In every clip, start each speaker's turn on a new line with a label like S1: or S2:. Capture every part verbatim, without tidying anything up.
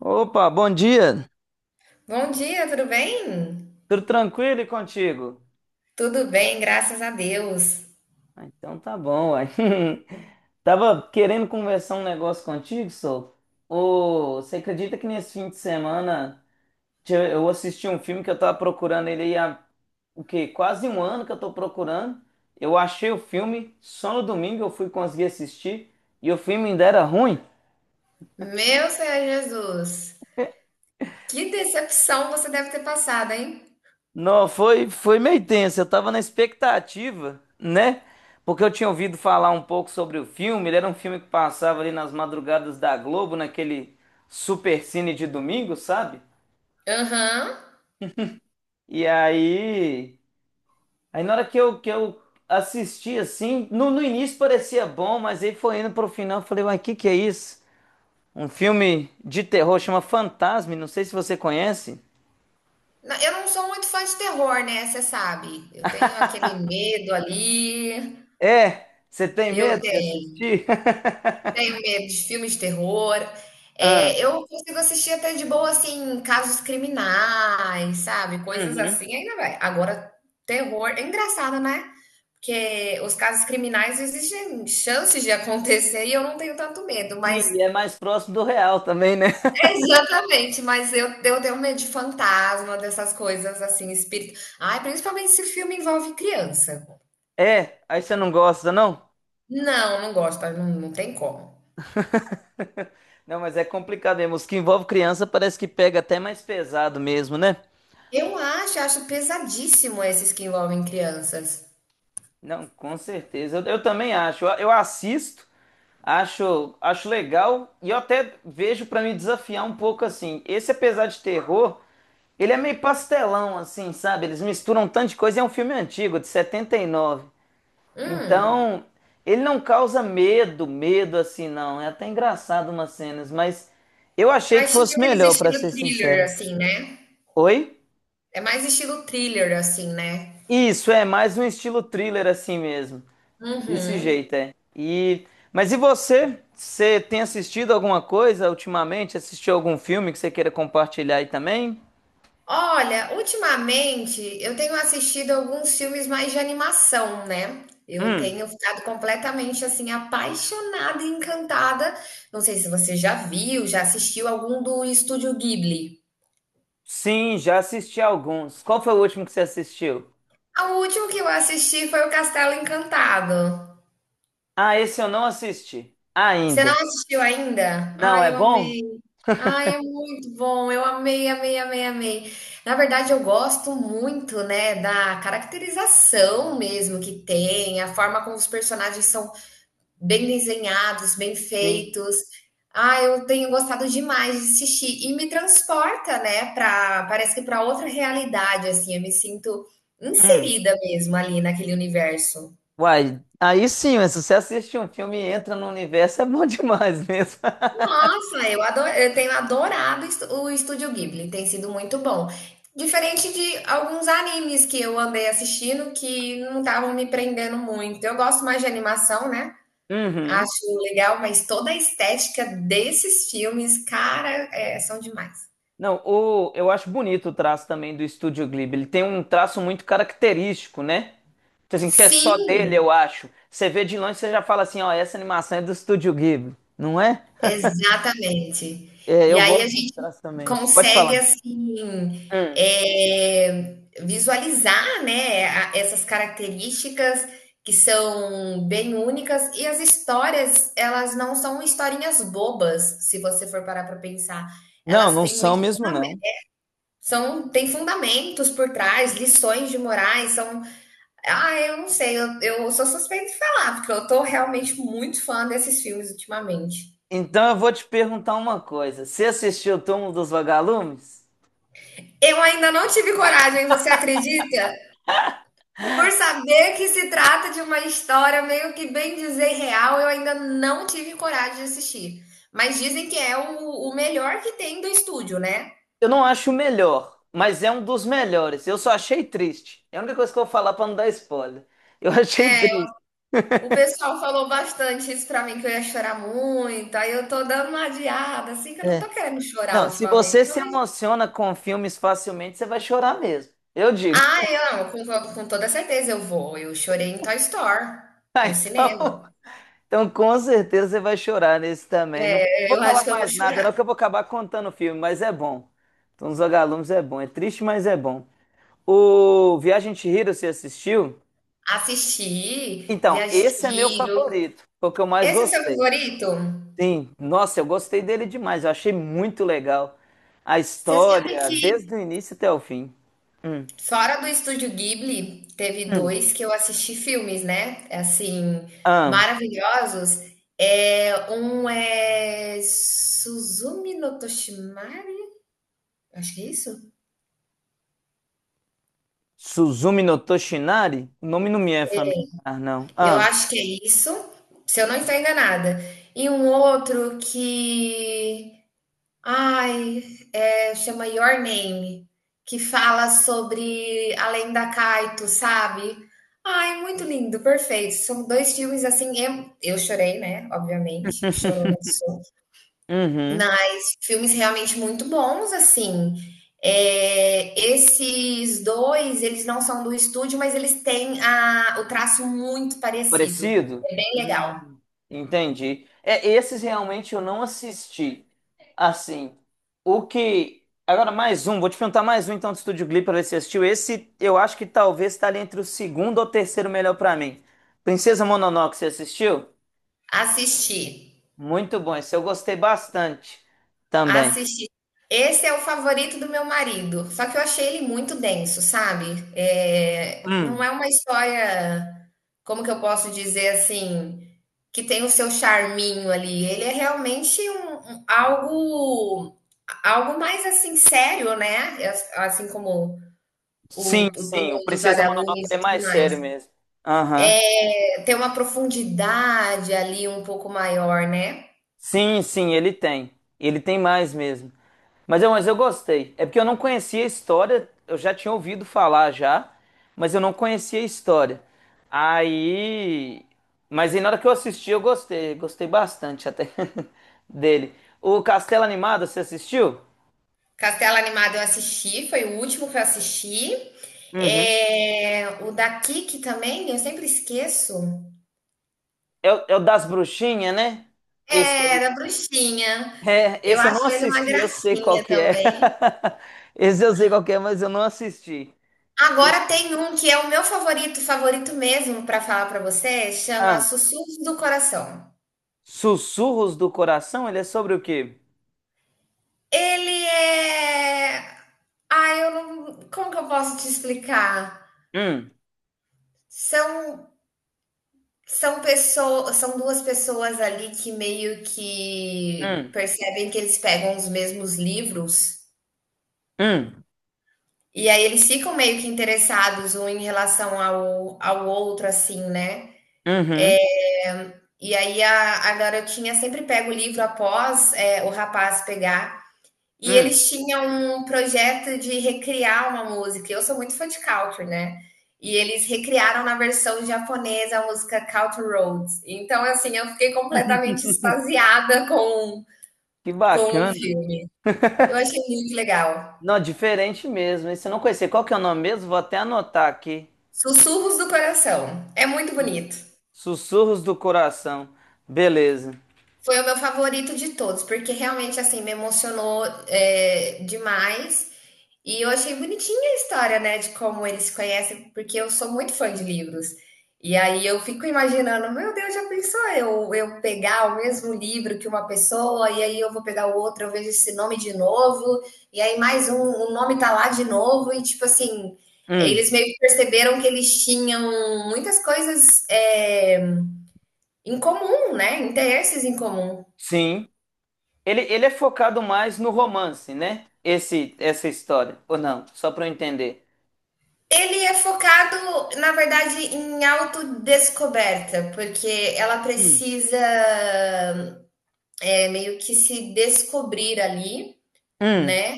S1: Opa, bom dia.
S2: Bom dia, tudo bem?
S1: Tudo tranquilo e contigo?
S2: Tudo bem, graças a Deus.
S1: Ah, então tá bom, uai. Tava querendo conversar um negócio contigo, Sol. Ô, você acredita que nesse fim de semana te- eu assisti um filme que eu tava procurando ele aí há o quê? Quase um ano que eu tô procurando. Eu achei o filme, só no domingo eu fui conseguir assistir e o filme ainda era ruim.
S2: Meu Senhor Jesus, que decepção você deve ter passado, hein?
S1: Não, foi, foi meio tenso. Eu tava na expectativa, né? Porque eu tinha ouvido falar um pouco sobre o filme. Ele era um filme que passava ali nas madrugadas da Globo, naquele supercine de domingo, sabe?
S2: Aham.
S1: E aí. Aí na hora que eu, que eu assisti, assim, no, no início parecia bom, mas aí foi indo pro final. Eu falei, uai, que que é isso? Um filme de terror chama Fantasme, não sei se você conhece.
S2: Não, eu não sou muito fã de terror, né? Você sabe, eu tenho aquele medo ali.
S1: É, você tem
S2: Eu
S1: medo de
S2: tenho
S1: assistir?
S2: medo de filmes de terror.
S1: Ah.
S2: É, eu consigo assistir até de boa, assim, casos criminais, sabe? Coisas
S1: Uhum.
S2: assim, ainda vai. Agora, terror é engraçado, né? Porque os casos criminais existem chances de acontecer e eu não tenho tanto medo,
S1: Sim,
S2: mas
S1: e é mais próximo do real também, né?
S2: exatamente, mas eu, eu tenho medo de fantasma, dessas coisas assim, espírito. Ai, principalmente se o filme envolve criança.
S1: É, aí você não gosta, não?
S2: Não, não gosto, não, não tem como.
S1: Não, mas é complicado mesmo. Os que envolvem criança parece que pega até mais pesado mesmo, né?
S2: Eu acho, acho pesadíssimo esses que envolvem crianças.
S1: Não, com certeza. Eu, eu também acho. Eu, eu assisto, acho, acho legal e eu até vejo pra me desafiar um pouco assim. Esse, apesar de terror, ele é meio pastelão, assim, sabe? Eles misturam um tanto de coisa. E é um filme antigo, de setenta e nove.
S2: Hum,
S1: Então, ele não causa medo, medo assim, não. É até engraçado umas cenas, mas eu
S2: é
S1: achei que
S2: mais tipo
S1: fosse
S2: aqueles
S1: melhor, pra
S2: estilo
S1: ser
S2: thriller,
S1: sincero.
S2: assim, né?
S1: Oi?
S2: É mais estilo thriller, assim, né?
S1: Isso, é mais um estilo thriller assim mesmo. Desse
S2: Uhum.
S1: jeito, é. E... Mas e você? Você tem assistido alguma coisa ultimamente? Assistiu algum filme que você queira compartilhar aí também?
S2: Olha, ultimamente eu tenho assistido alguns filmes mais de animação, né? Eu
S1: Hum,
S2: tenho ficado completamente assim apaixonada e encantada. Não sei se você já viu, já assistiu algum do Estúdio Ghibli.
S1: sim, já assisti alguns. Qual foi o último que você assistiu?
S2: O último que eu assisti foi o Castelo Encantado.
S1: Ah, esse eu não assisti.
S2: Você não
S1: Ainda.
S2: assistiu ainda?
S1: Não,
S2: Ai,
S1: é
S2: eu
S1: bom?
S2: amei. Ai, é muito bom. Eu amei, amei, amei, amei. Na verdade, eu gosto muito, né, da caracterização mesmo que tem, a forma como os personagens são bem desenhados, bem
S1: Sim.
S2: feitos. Ah, eu tenho gostado demais de assistir e me transporta, né, para parece que para outra realidade assim, eu me sinto
S1: Hum.
S2: inserida mesmo ali naquele universo.
S1: Uai, aí sim, mas se você assiste um filme e entra no universo, é bom demais mesmo.
S2: Nossa, eu ado- eu tenho adorado est- o Estúdio Ghibli, tem sido muito bom. Diferente de alguns animes que eu andei assistindo que não estavam me prendendo muito. Eu gosto mais de animação, né?
S1: Uhum.
S2: Acho legal, mas toda a estética desses filmes, cara, é, são demais.
S1: Não, o, eu acho bonito o traço também do Estúdio Ghibli. Ele tem um traço muito característico, né? Então, assim, que é só dele,
S2: Sim,
S1: eu acho. Você vê de longe, você já fala assim, ó, essa animação é do Estúdio Ghibli, não é?
S2: exatamente.
S1: É,
S2: E
S1: eu
S2: aí
S1: gosto
S2: a
S1: do
S2: gente
S1: traço também. Pode
S2: consegue
S1: falar.
S2: assim,
S1: Hum.
S2: eh, visualizar, né, a- essas características que são bem únicas, e as histórias, elas não são historinhas bobas, se você for parar para pensar.
S1: Não,
S2: Elas
S1: não
S2: têm
S1: são
S2: muito,
S1: mesmo, não.
S2: são, tem fundamentos por trás, lições de morais, são, ah, eu não sei, eu, eu sou suspeita de falar, porque eu tô realmente muito fã desses filmes ultimamente.
S1: Então eu vou te perguntar uma coisa. Você assistiu o Túmulo dos Vagalumes?
S2: Eu ainda não tive coragem, você acredita? Por saber que se trata de uma história meio que bem dizer real, eu ainda não tive coragem de assistir. Mas dizem que é o, o melhor que tem do estúdio, né?
S1: Eu não acho o melhor, mas é um dos melhores. Eu só achei triste. É a única coisa que eu vou falar para não dar spoiler. Eu achei triste.
S2: O pessoal falou bastante isso pra mim, que eu ia chorar muito, aí eu tô dando uma adiada, assim, que eu não
S1: É.
S2: tô querendo chorar
S1: Não, se você
S2: ultimamente. Não,
S1: se
S2: mas...
S1: emociona com filmes facilmente, você vai chorar mesmo. Eu digo.
S2: Ah, eu não, com, com- com toda certeza eu vou. Eu chorei em Toy Story,
S1: Ah,
S2: no
S1: então,
S2: cinema.
S1: então com certeza você vai chorar nesse também. Não, não vou
S2: Eu acho
S1: falar
S2: que eu vou
S1: mais nada,
S2: chorar.
S1: não, que eu vou acabar contando o filme, mas é bom. Então, os Vagalumes é bom. É triste, mas é bom. O Viagem de Chihiro, você assistiu?
S2: Assisti, vi
S1: Então,
S2: as...
S1: esse é meu favorito. Foi o que eu mais
S2: Esse é seu
S1: gostei.
S2: favorito?
S1: Sim, nossa, eu gostei dele demais, eu achei muito legal a
S2: Você sabe
S1: história,
S2: que
S1: desde o início até o fim. Hum.
S2: fora do Estúdio Ghibli, teve
S1: Hum.
S2: dois que eu assisti filmes, né? Assim,
S1: Ah,
S2: maravilhosos. É, um é Suzumi no Toshimari? Acho que é isso?
S1: Suzumi no Toshinari? O nome não me é familiar, não.
S2: Eu
S1: Ah,
S2: acho que é isso, se eu não estou enganada. E um outro que... Ai, é, chama Your Name, que fala sobre além da Kaito, sabe? Ai, muito lindo, perfeito. São dois filmes assim, eu, eu chorei, né? Obviamente, chorou, não sou.
S1: uhum.
S2: Mas filmes realmente muito bons, assim. É, esses dois, eles não são do estúdio, mas eles têm a, o traço muito parecido.
S1: Parecido?
S2: É bem legal.
S1: Hum. Entendi. É, esses realmente eu não assisti. Assim, o que. Agora, mais um, vou te perguntar mais um então do Estúdio Ghibli pra ver se você assistiu. Esse eu acho que talvez tá ali entre o segundo ou terceiro melhor pra mim. Princesa Mononoke, você assistiu?
S2: Assistir.
S1: Muito bom, esse eu gostei bastante também.
S2: Assisti. Esse é o favorito do meu marido, só que eu achei ele muito denso, sabe? É, não
S1: Hum,
S2: é uma história, como que eu posso dizer assim, que tem o seu charminho ali. Ele é realmente um, um- algo algo mais assim sério, né? As- Assim como
S1: sim,
S2: o, o
S1: sim, o
S2: túmulo dos
S1: Princesa Mononoke ele
S2: vagalumes
S1: é
S2: e tudo
S1: mais
S2: mais.
S1: sério mesmo. Aham.
S2: Eh, Tem uma profundidade ali um pouco maior, né?
S1: Sim, sim, ele tem. Ele tem mais mesmo. Mas eu, mas eu gostei. É porque eu não conhecia a história, eu já tinha ouvido falar já, mas eu não conhecia a história. Aí. Mas aí na hora que eu assisti, eu gostei. Gostei bastante até dele. O Castelo Animado, você assistiu?
S2: Castelo Animado eu assisti, foi o último que eu assisti.
S1: Uhum.
S2: É, o da Kiki também, eu sempre esqueço.
S1: É, o é o das bruxinhas, né? Esse aí.
S2: Era Bruxinha.
S1: É,
S2: Eu
S1: esse eu não
S2: acho ele uma
S1: assisti, eu sei qual
S2: gracinha
S1: que é.
S2: também.
S1: Esse eu sei qual que é, mas eu não assisti. Esse-
S2: Agora tem um que é o meu favorito, favorito mesmo pra falar pra você, chama
S1: Ah,
S2: Sussurros do Coração.
S1: Sussurros do Coração, ele é sobre o quê?
S2: Ele é. Ah, eu não. Como que eu posso te explicar?
S1: Hum,
S2: São... São pessoas, são duas pessoas ali que meio que
S1: hum,
S2: percebem que eles pegam os mesmos livros,
S1: hum,
S2: e aí eles ficam meio que interessados um em relação ao ao outro, assim, né.
S1: uhum,
S2: E aí a a garotinha sempre pega o livro após, eh, o rapaz pegar. E
S1: hum.
S2: eles tinham um projeto de recriar uma música. Eu sou muito fã de country, né? E eles recriaram na versão japonesa a música Country Roads. Então, assim, eu fiquei completamente extasiada com,
S1: Que
S2: com o
S1: bacana.
S2: filme. Eu achei muito legal.
S1: Não, diferente mesmo. Esse eu não conhecia. Qual que é o nome mesmo? Vou até anotar aqui.
S2: Sussurros do Coração. É muito
S1: Sus-
S2: bonito.
S1: Sussurros do Coração. Beleza.
S2: Foi o meu favorito de todos, porque realmente, assim, me emocionou é, demais. E eu achei bonitinha a história, né, de como eles se conhecem, porque eu sou muito fã de livros. E aí eu fico imaginando, meu Deus, já pensou eu, eu pegar o mesmo livro que uma pessoa, e aí eu vou pegar o outro, eu vejo esse nome de novo, e aí mais um, o nome tá lá de novo, e tipo assim,
S1: Hum,
S2: eles meio que perceberam que eles tinham muitas coisas, eh, em comum, né? Interesses em comum.
S1: sim. Ele, ele é focado mais no romance, né? Esse, essa história, ou não? Só para eu entender.
S2: Ele é focado, na verdade, em autodescoberta, porque ela
S1: Hum,
S2: precisa é, meio que se descobrir ali,
S1: hum,
S2: né?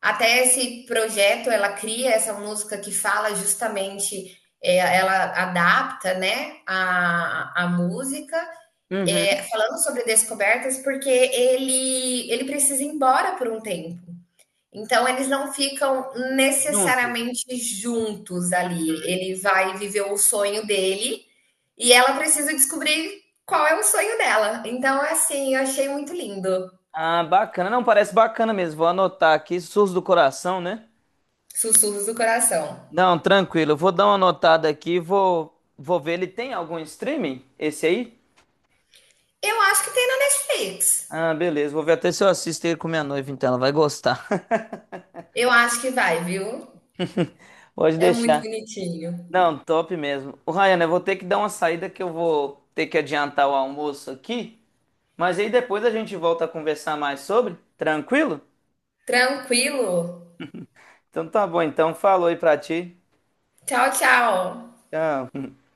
S2: Até esse projeto, ela cria essa música que fala justamente, é, ela adapta, né, a, a música, é,
S1: uhum.
S2: falando sobre descobertas, porque ele, ele precisa ir embora por um tempo. Então eles não ficam
S1: Juntos.
S2: necessariamente juntos ali. Ele vai viver o sonho dele e ela precisa descobrir qual é o sonho dela. Então, assim, eu achei muito lindo.
S1: Ah, bacana. Não, parece bacana mesmo. Vou anotar aqui, Surdos do Coração, né?
S2: Sussurros do Coração.
S1: Não, tranquilo. Eu vou dar uma anotada aqui, vou, vou ver. Ele tem algum streaming? Esse aí?
S2: Eu acho que tem na Netflix.
S1: Ah, beleza. Vou ver até se eu assisto ele com minha noiva, então ela vai gostar.
S2: Eu acho que vai, viu?
S1: Pode
S2: É muito
S1: deixar.
S2: bonitinho.
S1: Não, top mesmo. O Ryan, eu vou ter que dar uma saída que eu vou ter que adiantar o almoço aqui, mas aí depois a gente volta a conversar mais sobre. Tranquilo?
S2: Tranquilo.
S1: Então tá bom, então falou aí pra ti.
S2: Tchau, tchau.
S1: Tchau.